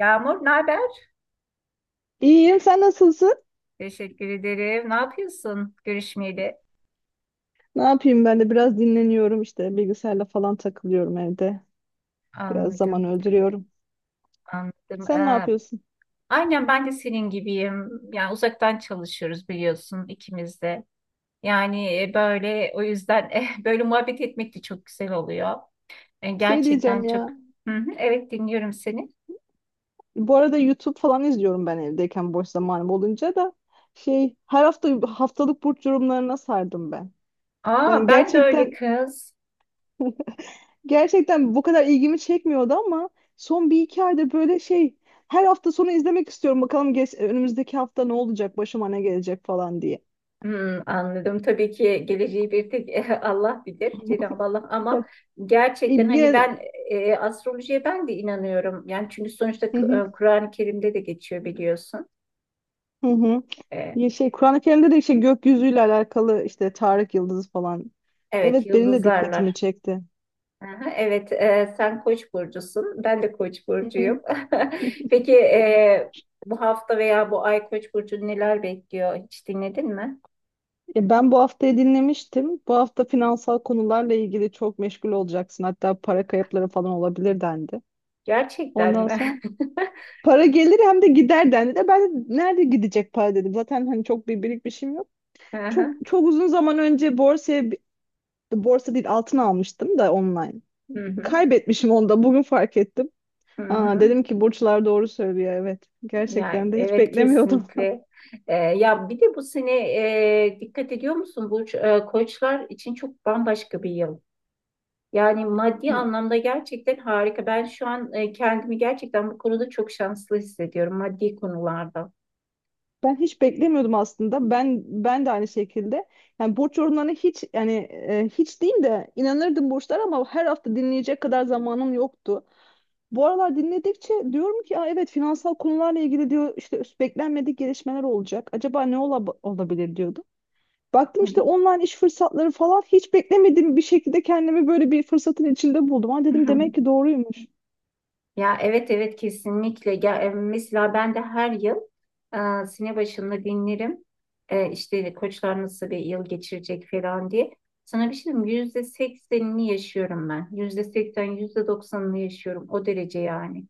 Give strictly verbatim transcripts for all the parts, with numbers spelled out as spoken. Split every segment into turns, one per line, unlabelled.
Yağmur, ne haber?
İyiyim, sen nasılsın?
Teşekkür ederim. Ne yapıyorsun? Görüşmeyeli.
Ne yapayım ben de biraz dinleniyorum işte bilgisayarla falan takılıyorum evde. Biraz zaman
Anladım,
öldürüyorum.
anladım.
Sen ne
Ee,
yapıyorsun?
aynen ben de senin gibiyim. Yani uzaktan çalışıyoruz biliyorsun ikimiz de. Yani e, böyle o yüzden eh, böyle muhabbet etmek de çok güzel oluyor. E,
Şey
gerçekten
diyeceğim
çok.
ya.
Hı hı, evet dinliyorum seni.
Bu arada YouTube falan izliyorum ben evdeyken boş zamanım olunca da şey her hafta haftalık burç yorumlarına sardım ben. Yani
Aa, ben de öyle
gerçekten
kız.
gerçekten bu kadar ilgimi çekmiyordu ama son bir iki ayda böyle şey her hafta sonu izlemek istiyorum. Bakalım geç, önümüzdeki hafta ne olacak, başıma ne gelecek falan diye.
Hmm, anladım. Tabii ki geleceği bir tek Allah bilir, Cenab-ı Allah.
Ya,
Ama gerçekten hani
yine...
ben e, astrolojiye ben de inanıyorum. Yani çünkü sonuçta
Hı
K-
hı,
e, Kur'an-ı Kerim'de de geçiyor biliyorsun.
hı hı.
E,
Ya şey Kur'an-ı Kerim'de de işte gökyüzüyle alakalı işte Tarık Yıldızı falan.
evet,
Evet benim de dikkatimi
yıldızlarlar.
çekti.
Aha, evet, e, sen Koç burcusun. Ben de Koç
Hı hı.
burcuyum. Peki e, bu hafta veya bu ay Koç burcunu neler bekliyor? Hiç dinledin mi?
Ya ben bu haftayı dinlemiştim. Bu hafta finansal konularla ilgili çok meşgul olacaksın. Hatta para kayıpları falan olabilir dendi.
Gerçekten
Ondan
mi?
sonra para gelir hem de gider dendi de ben de nerede gidecek para dedim. Zaten hani çok bir birikmişim yok. Çok
Aha,
çok uzun zaman önce borsaya bi- borsa değil altın almıştım da online.
hı hı.
Kaybetmişim onu da bugün fark ettim.
Hı
Aa,
hı.
dedim ki burçlar doğru söylüyor evet.
Yani
Gerçekten de hiç
evet,
beklemiyordum.
kesinlikle. Ee, ya bir de bu sene e, dikkat ediyor musun bu Ee, koçlar için çok bambaşka bir yıl. Yani maddi anlamda gerçekten harika. Ben şu an e, kendimi gerçekten bu konuda çok şanslı hissediyorum maddi konularda.
Ben hiç beklemiyordum aslında. Ben ben de aynı şekilde. Yani burç yorumlarına hiç yani e, hiç değil de inanırdım burçlara ama her hafta dinleyecek kadar zamanım yoktu. Bu aralar dinledikçe diyorum ki aa, evet finansal konularla ilgili diyor işte beklenmedik gelişmeler olacak. Acaba ne ola- olabilir diyordum. Baktım işte online iş fırsatları falan hiç beklemediğim bir şekilde kendimi böyle bir fırsatın içinde buldum. Ha dedim demek ki doğruymuş.
Ya evet evet, kesinlikle. Ya, e, mesela ben de her yıl e, sene başında dinlerim. E, işte koçlar nasıl bir yıl geçirecek falan diye. Sana bir şey diyeyim mi? Yüzde seksenini yaşıyorum ben. Yüzde seksen, yüzde doksanını yaşıyorum. O derece yani.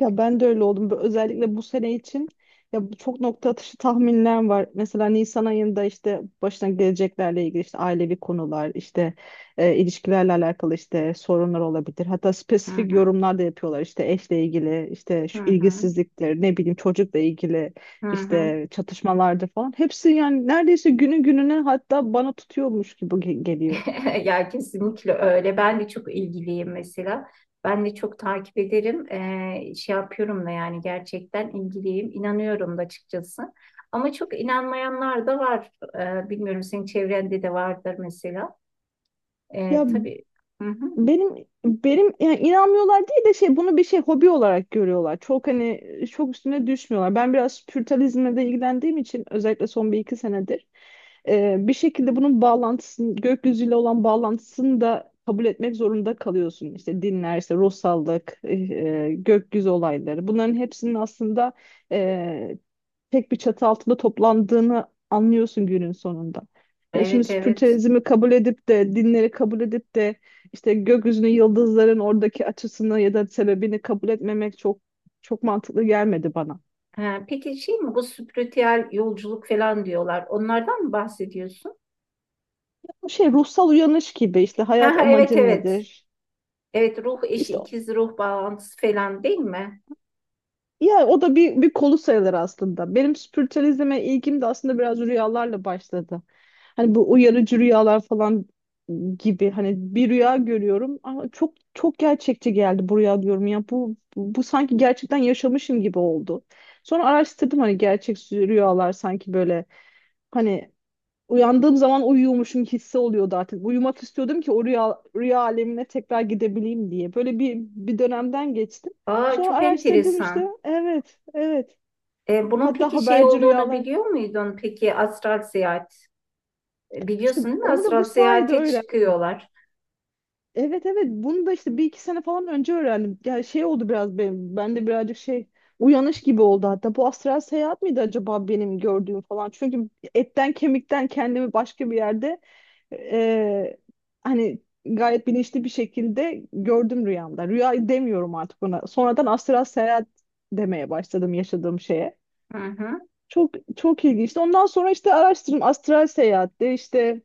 Ya ben de öyle oldum. Bö- Özellikle bu sene için ya bu çok nokta atışı tahminler var. Mesela Nisan ayında işte başına geleceklerle ilgili işte ailevi konular, işte e, ilişkilerle alakalı işte sorunlar olabilir. Hatta
Hı
spesifik
hı,
yorumlar da yapıyorlar. İşte eşle ilgili, işte
hı
şu
hı,
ilgisizlikler, ne bileyim çocukla ilgili
hı hı.
işte çatışmalardır falan. Hepsi yani neredeyse günü gününe hatta bana tutuyormuş gibi ge- geliyor.
Ya kesinlikle öyle. Ben de çok ilgiliyim mesela. Ben de çok takip ederim. Ee, şey yapıyorum da yani gerçekten ilgiliyim. İnanıyorum da açıkçası. Ama çok inanmayanlar da var. Ee, bilmiyorum senin çevrende de vardır mesela.
Ya,
Ee, tabii. Hı hı.
Benim benim yani inanmıyorlar değil de şey bunu bir şey hobi olarak görüyorlar. Çok hani çok üstüne düşmüyorlar. Ben biraz spiritualizmle de ilgilendiğim için özellikle son bir iki senedir e, bir şekilde bunun bağlantısını gökyüzüyle olan bağlantısını da kabul etmek zorunda kalıyorsun. İşte dinler, işte ruhsallık, e, e, gökyüzü olayları. Bunların hepsinin aslında tek bir çatı altında toplandığını anlıyorsun günün sonunda. E şimdi
Evet evet.
spiritualizmi kabul edip de dinleri kabul edip de işte gökyüzünün yıldızların oradaki açısını ya da sebebini kabul etmemek çok çok mantıklı gelmedi bana.
Ha, peki şey mi, bu spiritüel yolculuk falan diyorlar. Onlardan mı bahsediyorsun?
Bu şey ruhsal uyanış gibi işte
Ha,
hayat
ha, evet
amacın
evet.
nedir?
Evet, ruh eşi
İşte
ikiz ruh bağlantısı falan değil mi?
ya o da bir, bir kolu sayılır aslında. Benim spiritüalizme ilgim de aslında biraz rüyalarla başladı. Hani bu uyarıcı rüyalar falan gibi hani bir rüya görüyorum ama çok çok gerçekçi geldi bu rüya diyorum ya bu bu, bu sanki gerçekten yaşamışım gibi oldu. Sonra araştırdım hani gerçek rüyalar sanki böyle hani uyandığım zaman uyuyormuşum hissi oluyordu artık. Uyumak istiyordum ki o rüya, rüya alemine tekrar gidebileyim diye. Böyle bir, bir dönemden geçtim.
Aa,
Sonra
çok
araştırdım işte.
enteresan.
Evet, evet.
E, bunun
Hatta
peki şey
haberci
olduğunu
rüyalar.
biliyor muydun? Peki astral seyahat. E,
İşte
Biliyorsun değil mi?
onu da
Astral
bu sayede
seyahate
öğrendim.
çıkıyorlar.
Evet, evet. Bunu da işte bir iki sene falan önce öğrendim. Yani şey oldu biraz benim. Bende birazcık şey uyanış gibi oldu hatta. Bu astral seyahat miydi acaba benim gördüğüm falan? Çünkü etten kemikten kendimi başka bir yerde Ee, hani gayet bilinçli bir şekilde gördüm rüyamda. Rüya demiyorum artık buna. Sonradan astral seyahat demeye başladım yaşadığım şeye.
Hı hı.
Çok çok ilginçti. Ondan sonra işte araştırdım astral seyahatte işte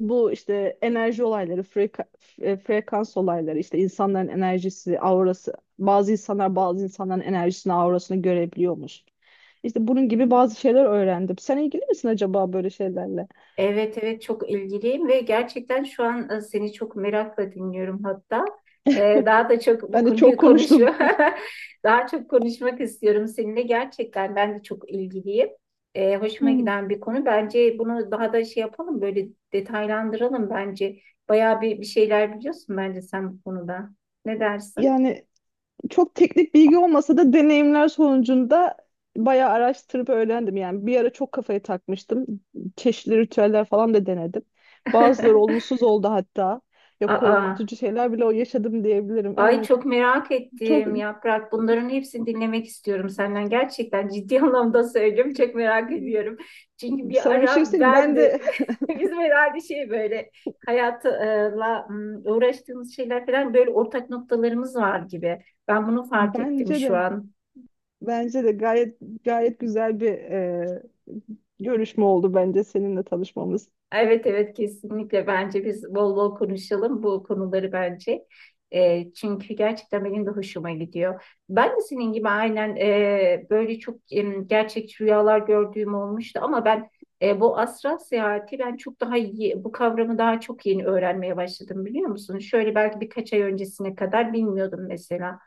bu işte enerji olayları, freka- e, frekans olayları, işte insanların enerjisi, aurası. Bazı insanlar bazı insanların enerjisini, aurasını görebiliyormuş. İşte bunun gibi bazı şeyler öğrendim. Sen ilgili misin acaba böyle şeylerle?
Evet evet, çok ilgiliyim ve gerçekten şu an e, seni çok merakla dinliyorum hatta. E, daha da çok bu
Ben de çok
konuyu
konuştum.
konuşuyor. Daha çok konuşmak istiyorum seninle. Gerçekten ben de çok ilgiliyim. E, hoşuma
Hmm.
giden bir konu. Bence bunu daha da şey yapalım, böyle detaylandıralım bence. Bayağı bir, bir şeyler biliyorsun bence sen bu konuda. Ne dersin?
Yani çok teknik bilgi olmasa da deneyimler sonucunda bayağı araştırıp öğrendim. Yani bir ara çok kafaya takmıştım. Çeşitli ritüeller falan da denedim. Bazıları olumsuz oldu hatta. Ya
Aa.
korkutucu şeyler bile o yaşadım diyebilirim.
Ay
Evet.
çok merak
Çok
ettim Yaprak. Bunların hepsini dinlemek istiyorum senden. Gerçekten ciddi anlamda söylüyorum. Çok merak ediyorum. Çünkü bir
sana bir şey
ara
söyleyeyim.
ben
Ben
de
de
bizim herhalde şey böyle hayatla ım, uğraştığımız şeyler falan, böyle ortak noktalarımız var gibi. Ben bunu fark ettim
bence
şu
de
an.
bence de gayet gayet güzel bir e, görüşme oldu bence seninle tanışmamız.
Evet evet, kesinlikle bence biz bol bol konuşalım bu konuları bence. E, çünkü gerçekten benim de hoşuma gidiyor. Ben de senin gibi aynen e, böyle çok em, gerçekçi rüyalar gördüğüm olmuştu ama ben e, bu astral seyahati ben çok daha iyi, bu kavramı daha çok yeni öğrenmeye başladım biliyor musun? Şöyle belki birkaç ay öncesine kadar bilmiyordum mesela.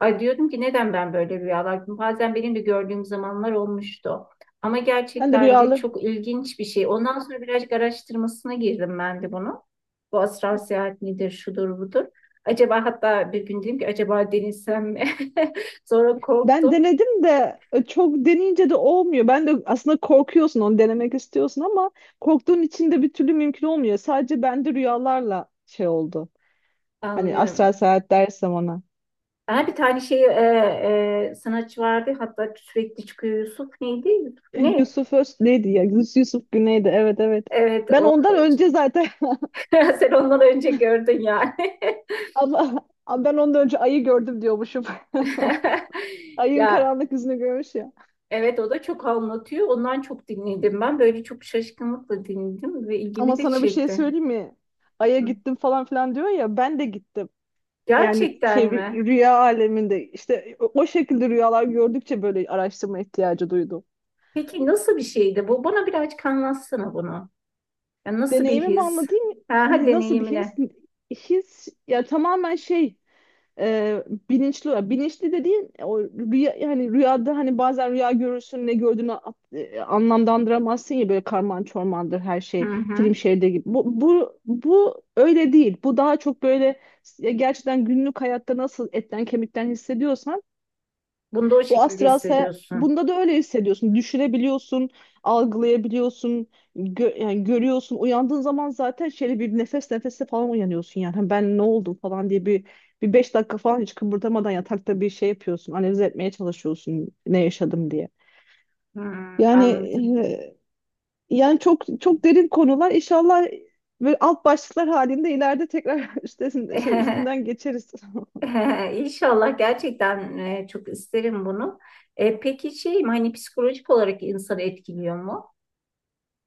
Ay diyordum ki neden ben böyle rüyalar görüyorum? Bazen benim de gördüğüm zamanlar olmuştu. Ama
Ben de
gerçekten de
rüyalarımı
çok ilginç bir şey. Ondan sonra birazcık araştırmasına girdim ben de bunu. Bu astral seyahat nedir, şudur budur. Acaba hatta bir gün dedim ki acaba denizsem mi? Sonra
ben
korktum.
denedim de e, çok deneyince de olmuyor. Ben de aslında korkuyorsun onu denemek istiyorsun ama korktuğun için de bir türlü mümkün olmuyor. Sadece bende rüyalarla şey oldu. Hani astral
Anlıyorum.
seyahat dersem ona.
Ha, bir tane şey e, e, sanatçı vardı, hatta sürekli çıkıyor, Yusuf neydi? Yusuf
E,
Güney.
Yusuf Öz neydi ya? Yus- Yusuf Güney'di. Evet, evet.
Evet
Ben
o,
ondan önce zaten
sen ondan önce gördün yani.
ama ama ben ondan önce ayı gördüm diyormuşum. Ayın
Ya
karanlık yüzünü görmüş ya.
evet, o da çok anlatıyor. Ondan çok dinledim ben. Böyle çok şaşkınlıkla dinledim ve
Ama
ilgimi de
sana bir şey
çekti.
söyleyeyim mi? Ay'a
Hı.
gittim falan filan diyor ya ben de gittim. Yani şey
Gerçekten mi?
rü- rüya aleminde işte o o şekilde rüyalar gördükçe böyle araştırma ihtiyacı duydum.
Peki nasıl bir şeydi bu? Bana birazcık anlatsana bunu. Ya nasıl bir
Deneyimimi
his?
anlatayım.
Ha, ha,
Nasıl bir his?
deneyimine.
His ya tamamen şey e, bilinçli bilinçli dediğin e, o rüya yani rüyada hani bazen rüya görürsün ne gördüğünü a- e, anlamlandıramazsın ya böyle karman çormandır her
Hı
şey
hı.
film şeridi gibi. Bu, bu bu öyle değil. Bu daha çok böyle ya gerçekten günlük hayatta nasıl etten kemikten hissediyorsan
Bunu da o
bu
şekilde
astral seyahat
hissediyorsun.
bunda da öyle hissediyorsun. Düşünebiliyorsun, algılayabiliyorsun, gö- yani görüyorsun. Uyandığın zaman zaten şöyle bir nefes nefese falan uyanıyorsun yani. Hani ben ne oldum falan diye bir bir beş dakika falan hiç kıpırdamadan yatakta bir şey yapıyorsun. Analiz etmeye çalışıyorsun ne yaşadım diye.
Hı,
Yani
anladım.
e, yani çok çok derin konular. İnşallah böyle alt başlıklar halinde ileride tekrar üstesinden şey üstünden geçeriz.
İnşallah gerçekten e, çok isterim bunu. E, peki şey mi, hani psikolojik olarak insanı etkiliyor mu?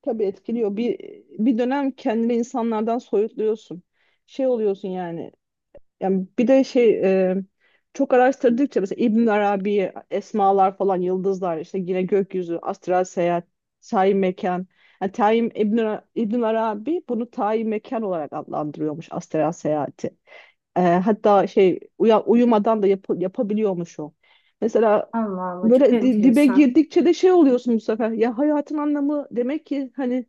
Tabii etkiliyor. Bir bir dönem kendini insanlardan soyutluyorsun. Şey oluyorsun yani. Yani bir de şey e, çok araştırdıkça mesela İbn Arabi, esmalar falan, yıldızlar işte yine gökyüzü, astral seyahat, tayin mekan. Yani tayin İbn, Ara- İbn Arabi bunu tayin mekan olarak adlandırıyormuş astral seyahati. E, hatta şey uya- uyumadan da yap- yapabiliyormuş o. Mesela
Allah Allah, çok
böyle di- dibe
enteresan.
girdikçe de şey oluyorsun bu sefer. Ya hayatın anlamı demek ki hani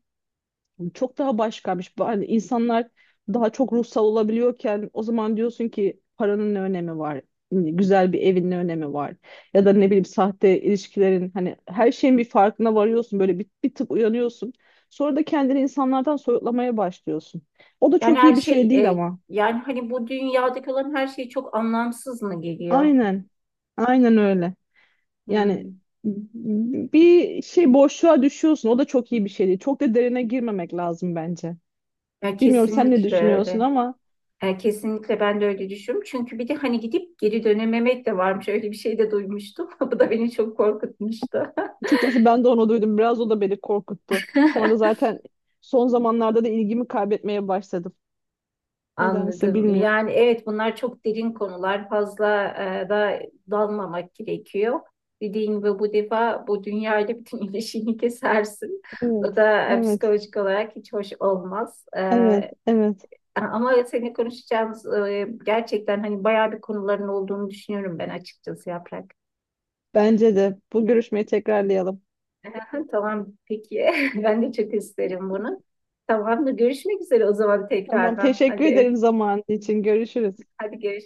çok daha başkaymış. Hani insanlar daha çok ruhsal olabiliyorken o zaman diyorsun ki paranın ne önemi var? Hani güzel bir evin ne önemi var? Ya da ne bileyim sahte ilişkilerin hani her şeyin bir farkına varıyorsun. Böyle bir, bir tık uyanıyorsun. Sonra da kendini insanlardan soyutlamaya başlıyorsun. O da
Yani
çok
her
iyi bir şey
şey
değil
e,
ama.
yani hani bu dünyadaki olan her şey çok anlamsız mı geliyor?
Aynen. Aynen öyle. Yani
Hmm.
bir şey boşluğa düşüyorsun. O da çok iyi bir şey değil. Çok da derine girmemek lazım bence.
Ya
Bilmiyorum sen ne
kesinlikle
düşünüyorsun
öyle.
ama
Ya kesinlikle ben de öyle düşünüyorum. Çünkü bir de hani gidip geri dönememek de varmış. Öyle bir şey de duymuştum. Bu da beni çok korkutmuştu.
açıkçası ben de onu duydum. Biraz o da beni korkuttu. Sonra da zaten son zamanlarda da ilgimi kaybetmeye başladım. Nedense
Anladım.
bilmiyorum.
Yani evet, bunlar çok derin konular. Fazla e, da dalmamak gerekiyor. Dediğin gibi bu defa bu dünyayla bütün ilişkini kesersin. O
Evet,
da e,
evet,
psikolojik olarak hiç hoş olmaz. E,
evet, evet.
Ee, Ama seninle konuşacağımız e, gerçekten hani bayağı bir konuların olduğunu düşünüyorum ben açıkçası Yaprak.
Bence de bu görüşmeyi tekrarlayalım.
Tamam peki. Ben de çok isterim bunu. Tamam da görüşmek üzere o zaman
Tamam,
tekrardan.
teşekkür
Hadi, öp-
ederim zamanın için. Görüşürüz.
hadi görüşürüz.